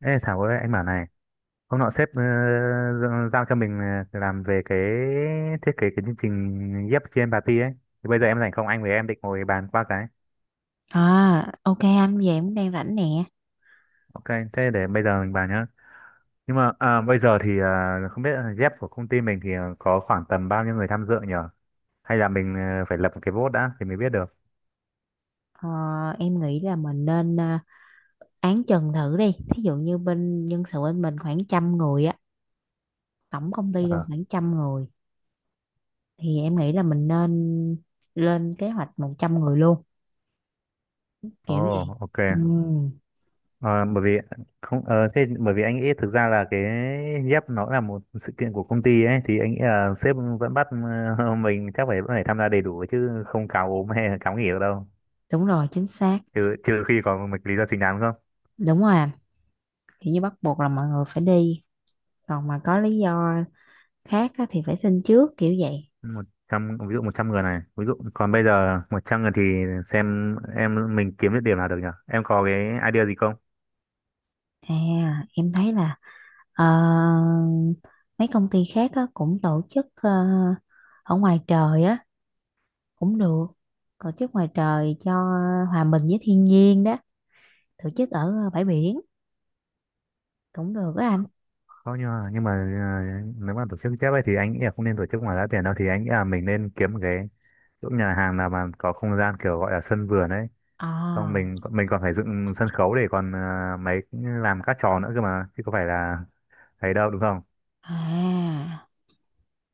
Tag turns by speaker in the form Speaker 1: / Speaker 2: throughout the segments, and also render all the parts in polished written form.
Speaker 1: Ê Thảo ơi, anh bảo này. Hôm nọ sếp giao cho mình làm về cái thiết kế cái chương trình ghép trên bà Ti ấy, thì bây giờ em rảnh không, anh với em định ngồi bàn qua cái.
Speaker 2: À, ok anh, vậy em cũng đang rảnh nè.
Speaker 1: Ok, thế để bây giờ mình bàn nhá. Nhưng mà bây giờ thì không biết là ghép của công ty mình thì có khoảng tầm bao nhiêu người tham dự nhở, hay là mình phải lập một cái vote đã thì mới biết được.
Speaker 2: Ờ, em nghĩ là mình nên án trần thử đi. Thí dụ như bên nhân sự bên mình khoảng trăm người á, tổng công ty luôn
Speaker 1: Ờ.
Speaker 2: khoảng trăm người. Thì em nghĩ là mình nên lên kế hoạch 100 người luôn,
Speaker 1: Ồ.
Speaker 2: kiểu vậy.
Speaker 1: Ok.
Speaker 2: Ừ,
Speaker 1: Ờ, bởi vì không thế bởi vì anh nghĩ thực ra là cái dép nó là một sự kiện của công ty ấy, thì anh nghĩ là sếp vẫn bắt mình chắc phải vẫn phải tham gia đầy đủ chứ không cáo ốm hay là cáo nghỉ được đâu,
Speaker 2: đúng rồi, chính xác.
Speaker 1: trừ trừ khi có một lý do chính đáng không.
Speaker 2: Đúng rồi anh, kiểu như bắt buộc là mọi người phải đi. Còn mà có lý do khác á, thì phải xin trước, kiểu vậy.
Speaker 1: Một trăm, ví dụ 100 người này, ví dụ còn bây giờ 100 người thì xem em, mình kiếm được điểm nào được nhỉ? Em có cái idea gì không?
Speaker 2: À, em thấy là Ờ, mấy công ty khác á, cũng tổ chức ở ngoài trời á, cũng được, tổ chức ngoài trời cho hòa mình với thiên nhiên đó, tổ chức ở bãi biển cũng được á anh.
Speaker 1: Không nhưng mà nhưng mà nếu mà tổ chức chép ấy thì anh nghĩ là không nên tổ chức ngoài giá tiền đâu, thì anh nghĩ là mình nên kiếm một cái chỗ nhà hàng nào mà có không gian kiểu gọi là sân vườn ấy. Xong
Speaker 2: À,
Speaker 1: mình còn phải dựng sân khấu để còn mấy làm các trò nữa cơ mà, chứ có phải là thấy đâu, đúng không?
Speaker 2: à,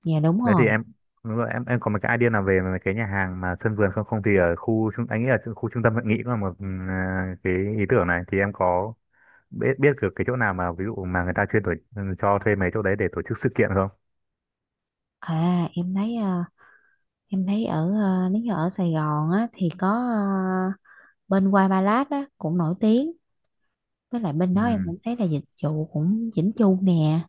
Speaker 2: dạ đúng
Speaker 1: Đấy thì
Speaker 2: rồi.
Speaker 1: em đúng rồi, em có một cái idea nào về mấy cái nhà hàng mà sân vườn không? Không thì ở khu trung anh nghĩ là khu trung tâm hội nghị cũng là một cái ý tưởng. Này thì em có biết biết được cái chỗ nào mà ví dụ mà người ta chuyên cho thuê mấy chỗ đấy để tổ chức sự kiện không?
Speaker 2: Em thấy nếu như ở Sài Gòn á thì có bên white Ba á cũng nổi tiếng, với lại bên đó em
Speaker 1: Ừ.
Speaker 2: cũng thấy là dịch vụ cũng chỉnh chu nè,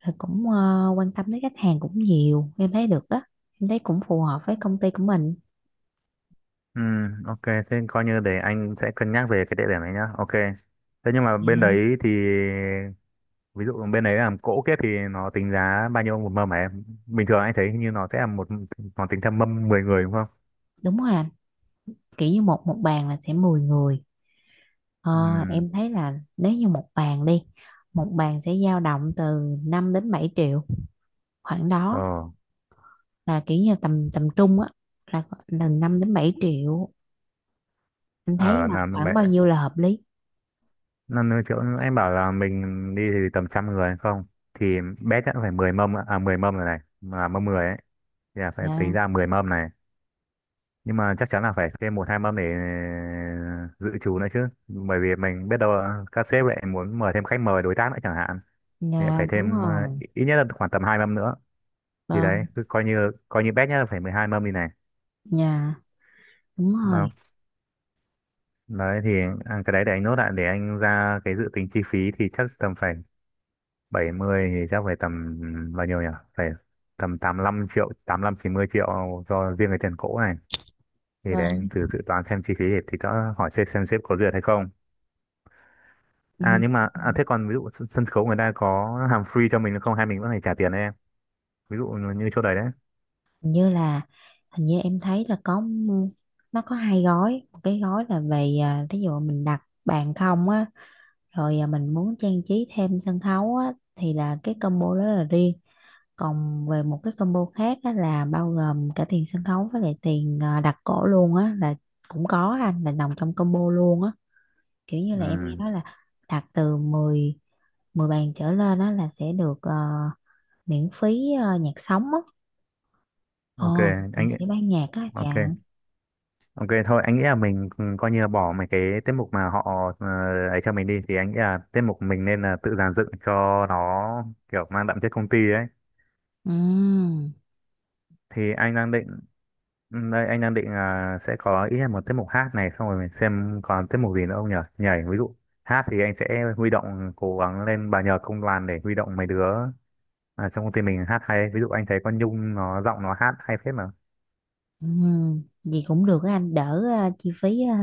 Speaker 2: rồi cũng quan tâm tới khách hàng cũng nhiều, em thấy được á, em thấy cũng phù hợp với công ty của mình.
Speaker 1: Ừ, ok, thế coi như để anh sẽ cân nhắc về cái địa điểm này nhá. Ok. Thế nhưng mà
Speaker 2: Dạ,
Speaker 1: bên đấy thì ví dụ bên đấy làm cỗ kiếp thì nó tính giá bao nhiêu một mâm hả em? Bình thường anh thấy hình như nó sẽ là một, nó tính theo mâm 10 người đúng không?
Speaker 2: đúng rồi anh, kiểu như một một bàn là sẽ 10 người. Ờ,
Speaker 1: Ừ.
Speaker 2: em thấy là nếu như một bàn sẽ dao động từ 5 đến 7 triệu, khoảng đó.
Speaker 1: Ờ.
Speaker 2: Là kiểu như tầm tầm trung á, là 5 đến 7 triệu, anh thấy
Speaker 1: ờ
Speaker 2: là
Speaker 1: làm
Speaker 2: khoảng
Speaker 1: vậy
Speaker 2: bao dạ nhiêu là hợp lý.
Speaker 1: năm nữa, chỗ anh bảo là mình đi thì tầm trăm người hay không thì bé chắc phải 10 mâm ạ. À 10 mâm rồi này, mà mâm 10 ấy thì là phải tính ra
Speaker 2: Dạ.
Speaker 1: 10 mâm này. Nhưng mà chắc chắn là phải thêm một hai mâm để dự trù nữa chứ, bởi vì mình biết đâu là các sếp lại muốn mời thêm khách mời đối tác nữa chẳng hạn, thì lại
Speaker 2: Dạ,
Speaker 1: phải
Speaker 2: đúng
Speaker 1: thêm
Speaker 2: rồi.
Speaker 1: ít nhất là khoảng tầm hai mâm nữa. Thì đấy
Speaker 2: Vâng.
Speaker 1: cứ coi như bét nhá phải 12 mâm đi này.
Speaker 2: Dạ, đúng rồi.
Speaker 1: Đó. Đấy thì cái đấy để anh nốt lại để anh ra cái dự tính chi phí, thì chắc tầm phải 70, thì chắc phải tầm bao nhiêu nhỉ, phải tầm 85 triệu, 85 90 triệu cho riêng cái tiền cỗ này. Thì để anh
Speaker 2: Vâng.
Speaker 1: thử dự toán xem chi phí, thì đã hỏi xem sếp có duyệt hay không.
Speaker 2: Ừ.
Speaker 1: À nhưng mà thế còn ví dụ sân sân khấu người ta có hàm free cho mình không hay mình vẫn phải trả tiền đấy em? Ví dụ như chỗ đấy đấy.
Speaker 2: Hình như là hình như em thấy là có nó có hai gói. Một cái gói là về, thí dụ mình đặt bàn không á, rồi mình muốn trang trí thêm sân khấu á, thì là cái combo đó là riêng. Còn về một cái combo khác á, là bao gồm cả tiền sân khấu với lại tiền, đặt cỗ luôn á, là cũng có anh, là nằm trong combo luôn á. Kiểu như là em nghe
Speaker 1: Ừ,
Speaker 2: nói là đặt từ 10 10 bàn trở lên á là sẽ được miễn phí nhạc sống á.
Speaker 1: ok
Speaker 2: Ồ, nhạc
Speaker 1: anh.
Speaker 2: sĩ ban nhạc á chà.
Speaker 1: Ok. Ok thôi anh nghĩ là mình coi như là bỏ mấy cái tiết mục mà họ ờ, ấy cho mình đi, thì anh nghĩ là tiết mục mình nên là tự dàn dựng cho nó kiểu mang đậm chất công ty ấy.
Speaker 2: Ừ.
Speaker 1: Thì anh đang định đây anh đang định là sẽ có ít nhất một tiết mục hát này, xong rồi mình xem còn tiết mục gì nữa không nhỉ, nhảy ví dụ. Hát thì anh sẽ huy động, cố gắng lên bà nhờ công đoàn để huy động mấy đứa trong công ty mình hát hay, ví dụ anh thấy con Nhung nó giọng nó hát hay phết mà.
Speaker 2: Ừ. Gì cũng được á anh, đỡ chi phí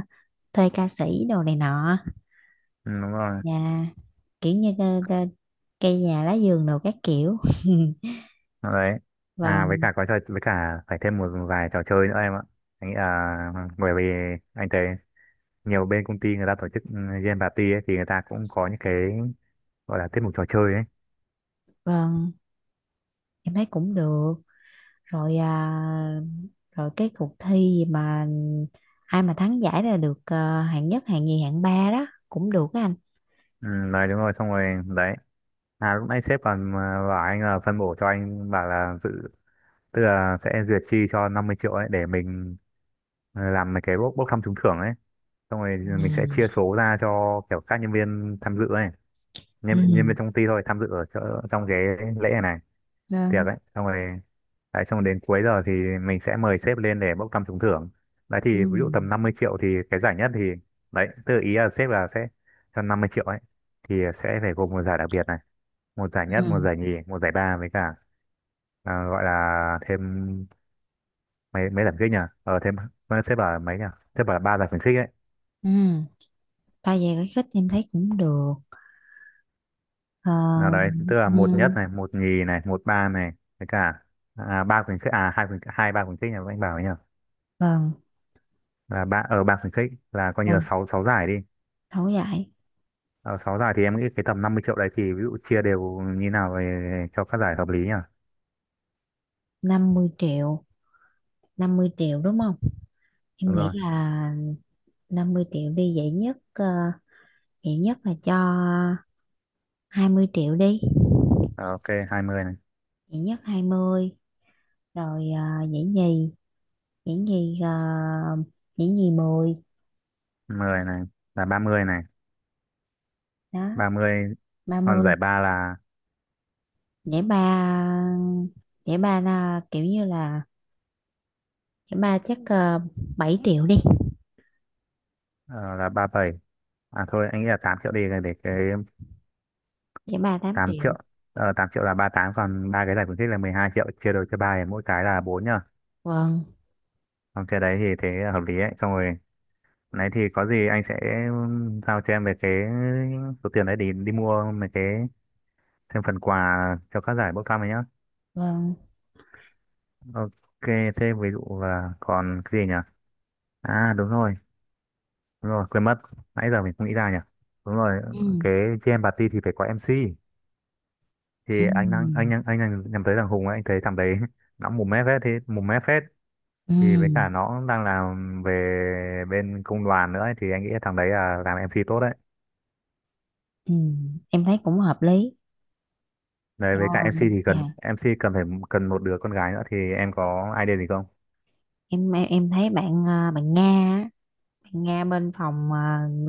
Speaker 2: thuê ca sĩ đồ này nọ.
Speaker 1: Ừ, đúng rồi
Speaker 2: Nhà, kiểu như cây nhà lá vườn đồ các kiểu.
Speaker 1: đấy. À với
Speaker 2: Vâng,
Speaker 1: cả có trò, với cả phải thêm một vài trò chơi nữa em ạ. Anh nghĩ là bởi vì anh thấy nhiều bên công ty người ta tổ chức game party ấy, thì người ta cũng có những cái gọi là tiết mục trò chơi ấy.
Speaker 2: vâng, em thấy cũng được. Rồi à, rồi cái cuộc thi gì mà ai mà thắng giải là được hạng nhất, hạng nhì, hạng ba đó cũng được á anh.
Speaker 1: Ừ, đấy đúng rồi, xong rồi đấy. À lúc nãy sếp còn bảo anh là phân bổ, cho anh bảo là dự, tức là sẽ duyệt chi cho 50 triệu ấy để mình làm mấy cái bốc bốc thăm trúng thưởng ấy, xong rồi mình sẽ
Speaker 2: Ừ.
Speaker 1: chia số ra cho kiểu các nhân viên tham dự ấy.
Speaker 2: Ừ.
Speaker 1: Nhân viên trong công ty thôi tham dự ở chỗ, trong cái lễ này này.
Speaker 2: Vâng.
Speaker 1: Tiệc ấy xong rồi, đấy xong rồi đến cuối giờ thì mình sẽ mời sếp lên để bốc thăm trúng thưởng. Đấy thì
Speaker 2: Ừ.
Speaker 1: ví dụ tầm 50 triệu thì cái giải nhất thì đấy, tự ý là sếp là sẽ cho 50 triệu ấy thì sẽ phải gồm một giải đặc biệt này, một giải
Speaker 2: Ừ.
Speaker 1: nhất, một giải nhì, một giải ba, với cả à, gọi là thêm mấy mấy giải khuyến khích nhỉ. Sếp bảo là mấy nhỉ, sếp bảo là ba giải khuyến khích ấy.
Speaker 2: Ừ. Ba về cái khích em thấy cũng được. Ờ,
Speaker 1: Nào đấy tức là một nhất
Speaker 2: ừ,
Speaker 1: này, một nhì này, một ba này, với cả à, ba khuyến khích, à hai ba khuyến khích nhỉ, anh bảo ấy nhỉ
Speaker 2: vâng,
Speaker 1: là ba, ở ba khuyến khích là coi như là
Speaker 2: vâng,
Speaker 1: sáu sáu giải đi.
Speaker 2: thấu giải.
Speaker 1: Ờ, sáu giải thì em nghĩ cái tầm 50 triệu đấy thì ví dụ chia đều như nào về cho các giải hợp lý nhỉ?
Speaker 2: 50 triệu, 50 triệu đúng không? Em
Speaker 1: Đúng
Speaker 2: nghĩ
Speaker 1: rồi.
Speaker 2: là 50 triệu đi. Dễ nhất dễ nhất là cho 20 triệu đi.
Speaker 1: Ờ, ok, 20 này,
Speaker 2: Dễ nhất 20. Rồi dễ nhì ờ, dễ nhì 10.
Speaker 1: 10 này, là 30 này,
Speaker 2: Đó.
Speaker 1: 30 còn
Speaker 2: 30.
Speaker 1: giải ba là
Speaker 2: Dễ ba dễ ba là kiểu như là dễ ba, chắc 7 triệu đi.
Speaker 1: ờ, là 37 triệu. À thôi, anh nghĩ là 8 triệu đi để cái
Speaker 2: Dễ ba 8
Speaker 1: 8 triệu.
Speaker 2: triệu.
Speaker 1: Ờ, 8 triệu là ba tám, còn ba cái giải khuyến khích là 12 triệu chia đôi cho ba thì mỗi cái là 4 nhá.
Speaker 2: Vâng.
Speaker 1: Còn cái đấy thì thế là hợp lý ấy. Xong rồi, nãy thì có gì anh sẽ giao cho em về cái số tiền đấy để đi mua mấy cái thêm phần quà cho các giải bốc thăm ấy nhá.
Speaker 2: Vâng.
Speaker 1: Ok, thế ví dụ là còn cái gì nhỉ? À đúng rồi, quên mất. Nãy giờ mình không nghĩ ra nhỉ. Đúng rồi,
Speaker 2: Ừ.
Speaker 1: cái jam party thì phải có MC. Thì anh đang anh
Speaker 2: Ừ.
Speaker 1: đang anh đang nhắm tới thằng Hùng ấy, anh thấy thằng đấy nó mồm mép hết thế, mồm mép hết.
Speaker 2: Ừ.
Speaker 1: Thì với cả nó đang làm về bên công đoàn nữa ấy, thì anh nghĩ thằng đấy là làm MC tốt đấy.
Speaker 2: Ừ, em thấy cũng hợp lý.
Speaker 1: Đấy
Speaker 2: Ờ,
Speaker 1: với cả MC thì
Speaker 2: dạ.
Speaker 1: cần. MC cần phải cần một đứa con gái nữa, thì em có idea gì không?
Speaker 2: Em thấy bạn Nga á, bạn Nga bên phòng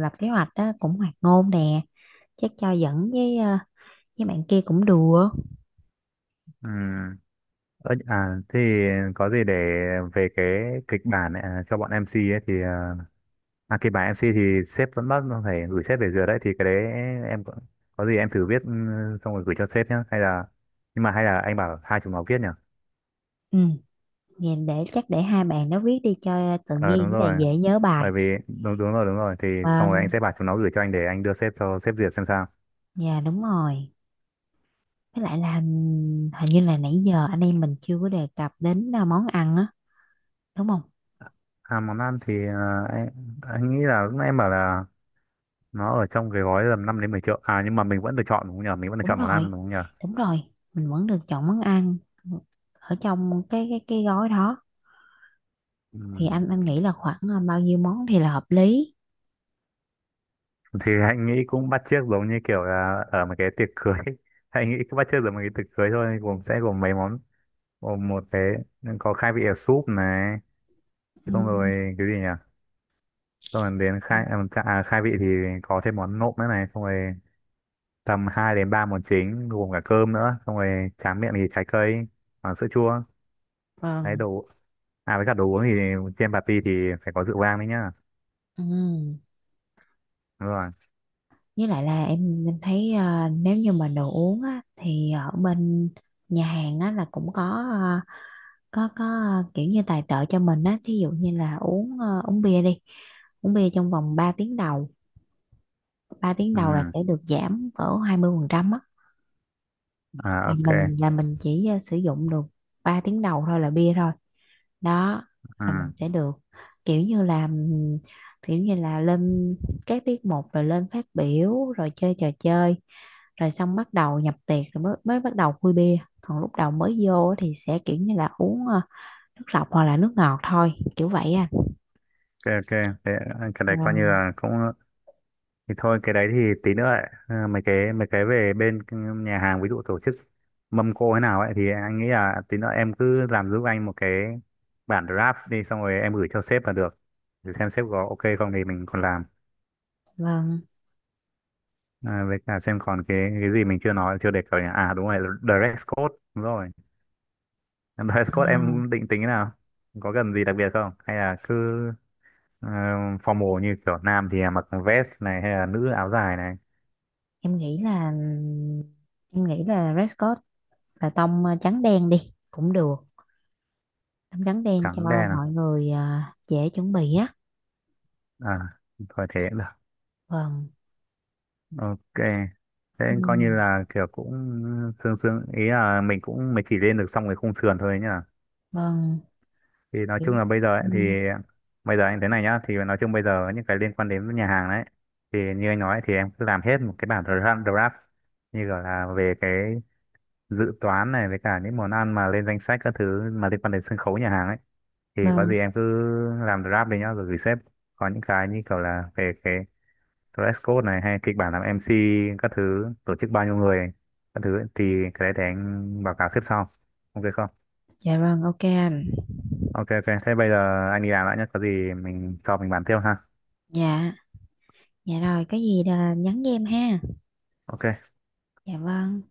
Speaker 2: lập kế hoạch đó cũng hoạt ngôn nè, chắc cho dẫn với bạn kia cũng đùa.
Speaker 1: Ừ. Thì có gì để về cái kịch bản này, cho bọn MC ấy thì kịch bản em MC thì sếp vẫn bắt phải gửi sếp về duyệt đấy. Thì cái đấy em có gì em thử viết xong rồi gửi cho sếp nhá, hay là nhưng mà hay là anh bảo hai chúng nó viết nhỉ?
Speaker 2: Ừ, nhìn để chắc, để hai bạn nó viết đi cho tự
Speaker 1: Ờ đúng
Speaker 2: nhiên, với lại
Speaker 1: rồi.
Speaker 2: dễ nhớ bài.
Speaker 1: Bởi vì đúng đúng rồi thì xong rồi anh
Speaker 2: Vâng,
Speaker 1: sẽ bảo chúng nó gửi cho anh để anh đưa sếp cho sếp duyệt xem sao.
Speaker 2: dạ đúng rồi. Với lại là hình như là nãy giờ anh em mình chưa có đề cập đến món ăn á, đúng không?
Speaker 1: À món ăn thì anh nghĩ là lúc nãy em bảo là nó ở trong cái gói tầm 5 đến 10 triệu. À nhưng mà mình vẫn được chọn đúng không nhỉ? Mình vẫn được
Speaker 2: Đúng
Speaker 1: chọn món
Speaker 2: rồi.
Speaker 1: ăn đúng không nhỉ?
Speaker 2: Đúng rồi, mình vẫn được chọn món ăn ở trong cái gói đó. Thì
Speaker 1: Ừ.
Speaker 2: anh nghĩ là khoảng bao nhiêu món thì là hợp lý.
Speaker 1: Thì anh nghĩ cũng bắt chước giống như kiểu là ở một cái tiệc cưới anh nghĩ cũng bắt chước giống một cái tiệc cưới thôi, gồm sẽ gồm mấy món. Gồm một cái có khai vị ở súp này,
Speaker 2: Ừ.
Speaker 1: xong rồi cái gì nhỉ, xong rồi đến khai à, chả- à, khai vị thì có thêm món nộm nữa này, xong rồi tầm 2 đến 3 món chính gồm cả cơm nữa, xong rồi tráng miệng thì trái cây và sữa chua. Đấy
Speaker 2: Vâng.
Speaker 1: đồ, à với cả đồ uống thì trên party thì phải có rượu vang đấy nhá.
Speaker 2: Ừ.
Speaker 1: Đúng rồi.
Speaker 2: Với lại là em thấy nếu như mà đồ uống á, thì ở bên nhà hàng á, là cũng ờ, có ờ, kiểu như tài trợ cho mình á, thí dụ như là uống bia đi. Uống bia trong vòng 3 tiếng đầu, ba tiếng
Speaker 1: Ừ.
Speaker 2: đầu là sẽ được giảm cỡ 20% á.
Speaker 1: À.
Speaker 2: là
Speaker 1: Ok.
Speaker 2: mình là mình chỉ sử dụng được 3 tiếng đầu thôi, là bia thôi. Đó, là mình
Speaker 1: Ừ.
Speaker 2: sẽ được kiểu như là kiểu như là lên các tiết mục, rồi lên phát biểu, rồi chơi trò chơi, rồi xong bắt đầu nhập tiệc rồi mới bắt đầu khui bia, còn lúc đầu mới vô á thì sẽ kiểu như là uống nước lọc hoặc là nước ngọt thôi, kiểu vậy à.
Speaker 1: Ok. Ok. Thế, cái đấy coi như
Speaker 2: Vâng.
Speaker 1: là cũng, thì thôi cái đấy thì tí nữa ấy. Ờ, mấy cái về bên nhà hàng ví dụ tổ chức mâm cỗ thế nào ấy, thì anh nghĩ là tí nữa em cứ làm giúp anh một cái bản draft đi, xong rồi em gửi cho sếp là được, để xem sếp có ok không thì mình còn làm.
Speaker 2: Vâng.
Speaker 1: À, với cả xem còn cái gì mình chưa nói chưa đề cập nhỉ. À đúng rồi, dress code đúng rồi. Em dress code
Speaker 2: à,
Speaker 1: em định tính thế nào, có cần gì đặc biệt không hay là cứ ờ, formal như kiểu nam thì mặc vest này hay là nữ áo dài này?
Speaker 2: em nghĩ là em nghĩ là Red Scott là tông trắng đen đi cũng được. Tắm trắng đen
Speaker 1: Trắng
Speaker 2: cho
Speaker 1: đen à.
Speaker 2: mọi người, dễ chuẩn bị á.
Speaker 1: À thôi thế
Speaker 2: Vâng.
Speaker 1: ok, thế
Speaker 2: Ừ,
Speaker 1: coi như là kiểu cũng sương sương ý là mình cũng mới chỉ lên được xong cái khung sườn thôi nhá.
Speaker 2: vâng.
Speaker 1: Thì nói
Speaker 2: Ừ,
Speaker 1: chung là bây giờ ấy, thì bây giờ anh thế này nhá, thì nói chung bây giờ những cái liên quan đến nhà hàng đấy, thì như anh nói ấy, thì em cứ làm hết một cái bản draft, như gọi là về cái dự toán này với cả những món ăn mà lên danh sách các thứ mà liên quan đến sân khấu nhà hàng ấy, thì có
Speaker 2: vâng.
Speaker 1: gì em cứ làm draft đi nhá rồi gửi sếp. Có những cái như kiểu là về cái dress code này hay kịch bản làm MC, các thứ tổ chức bao nhiêu người các thứ, thì cái đấy để anh báo cáo xếp sau, ok không?
Speaker 2: Dạ vâng, ok anh.
Speaker 1: Ok. Ok thế bây giờ anh đi làm đã nhé, có gì mình cho mình bàn tiếp ha.
Speaker 2: Dạ. Dạ rồi, có gì là nhắn với em ha.
Speaker 1: Ok.
Speaker 2: Dạ vâng.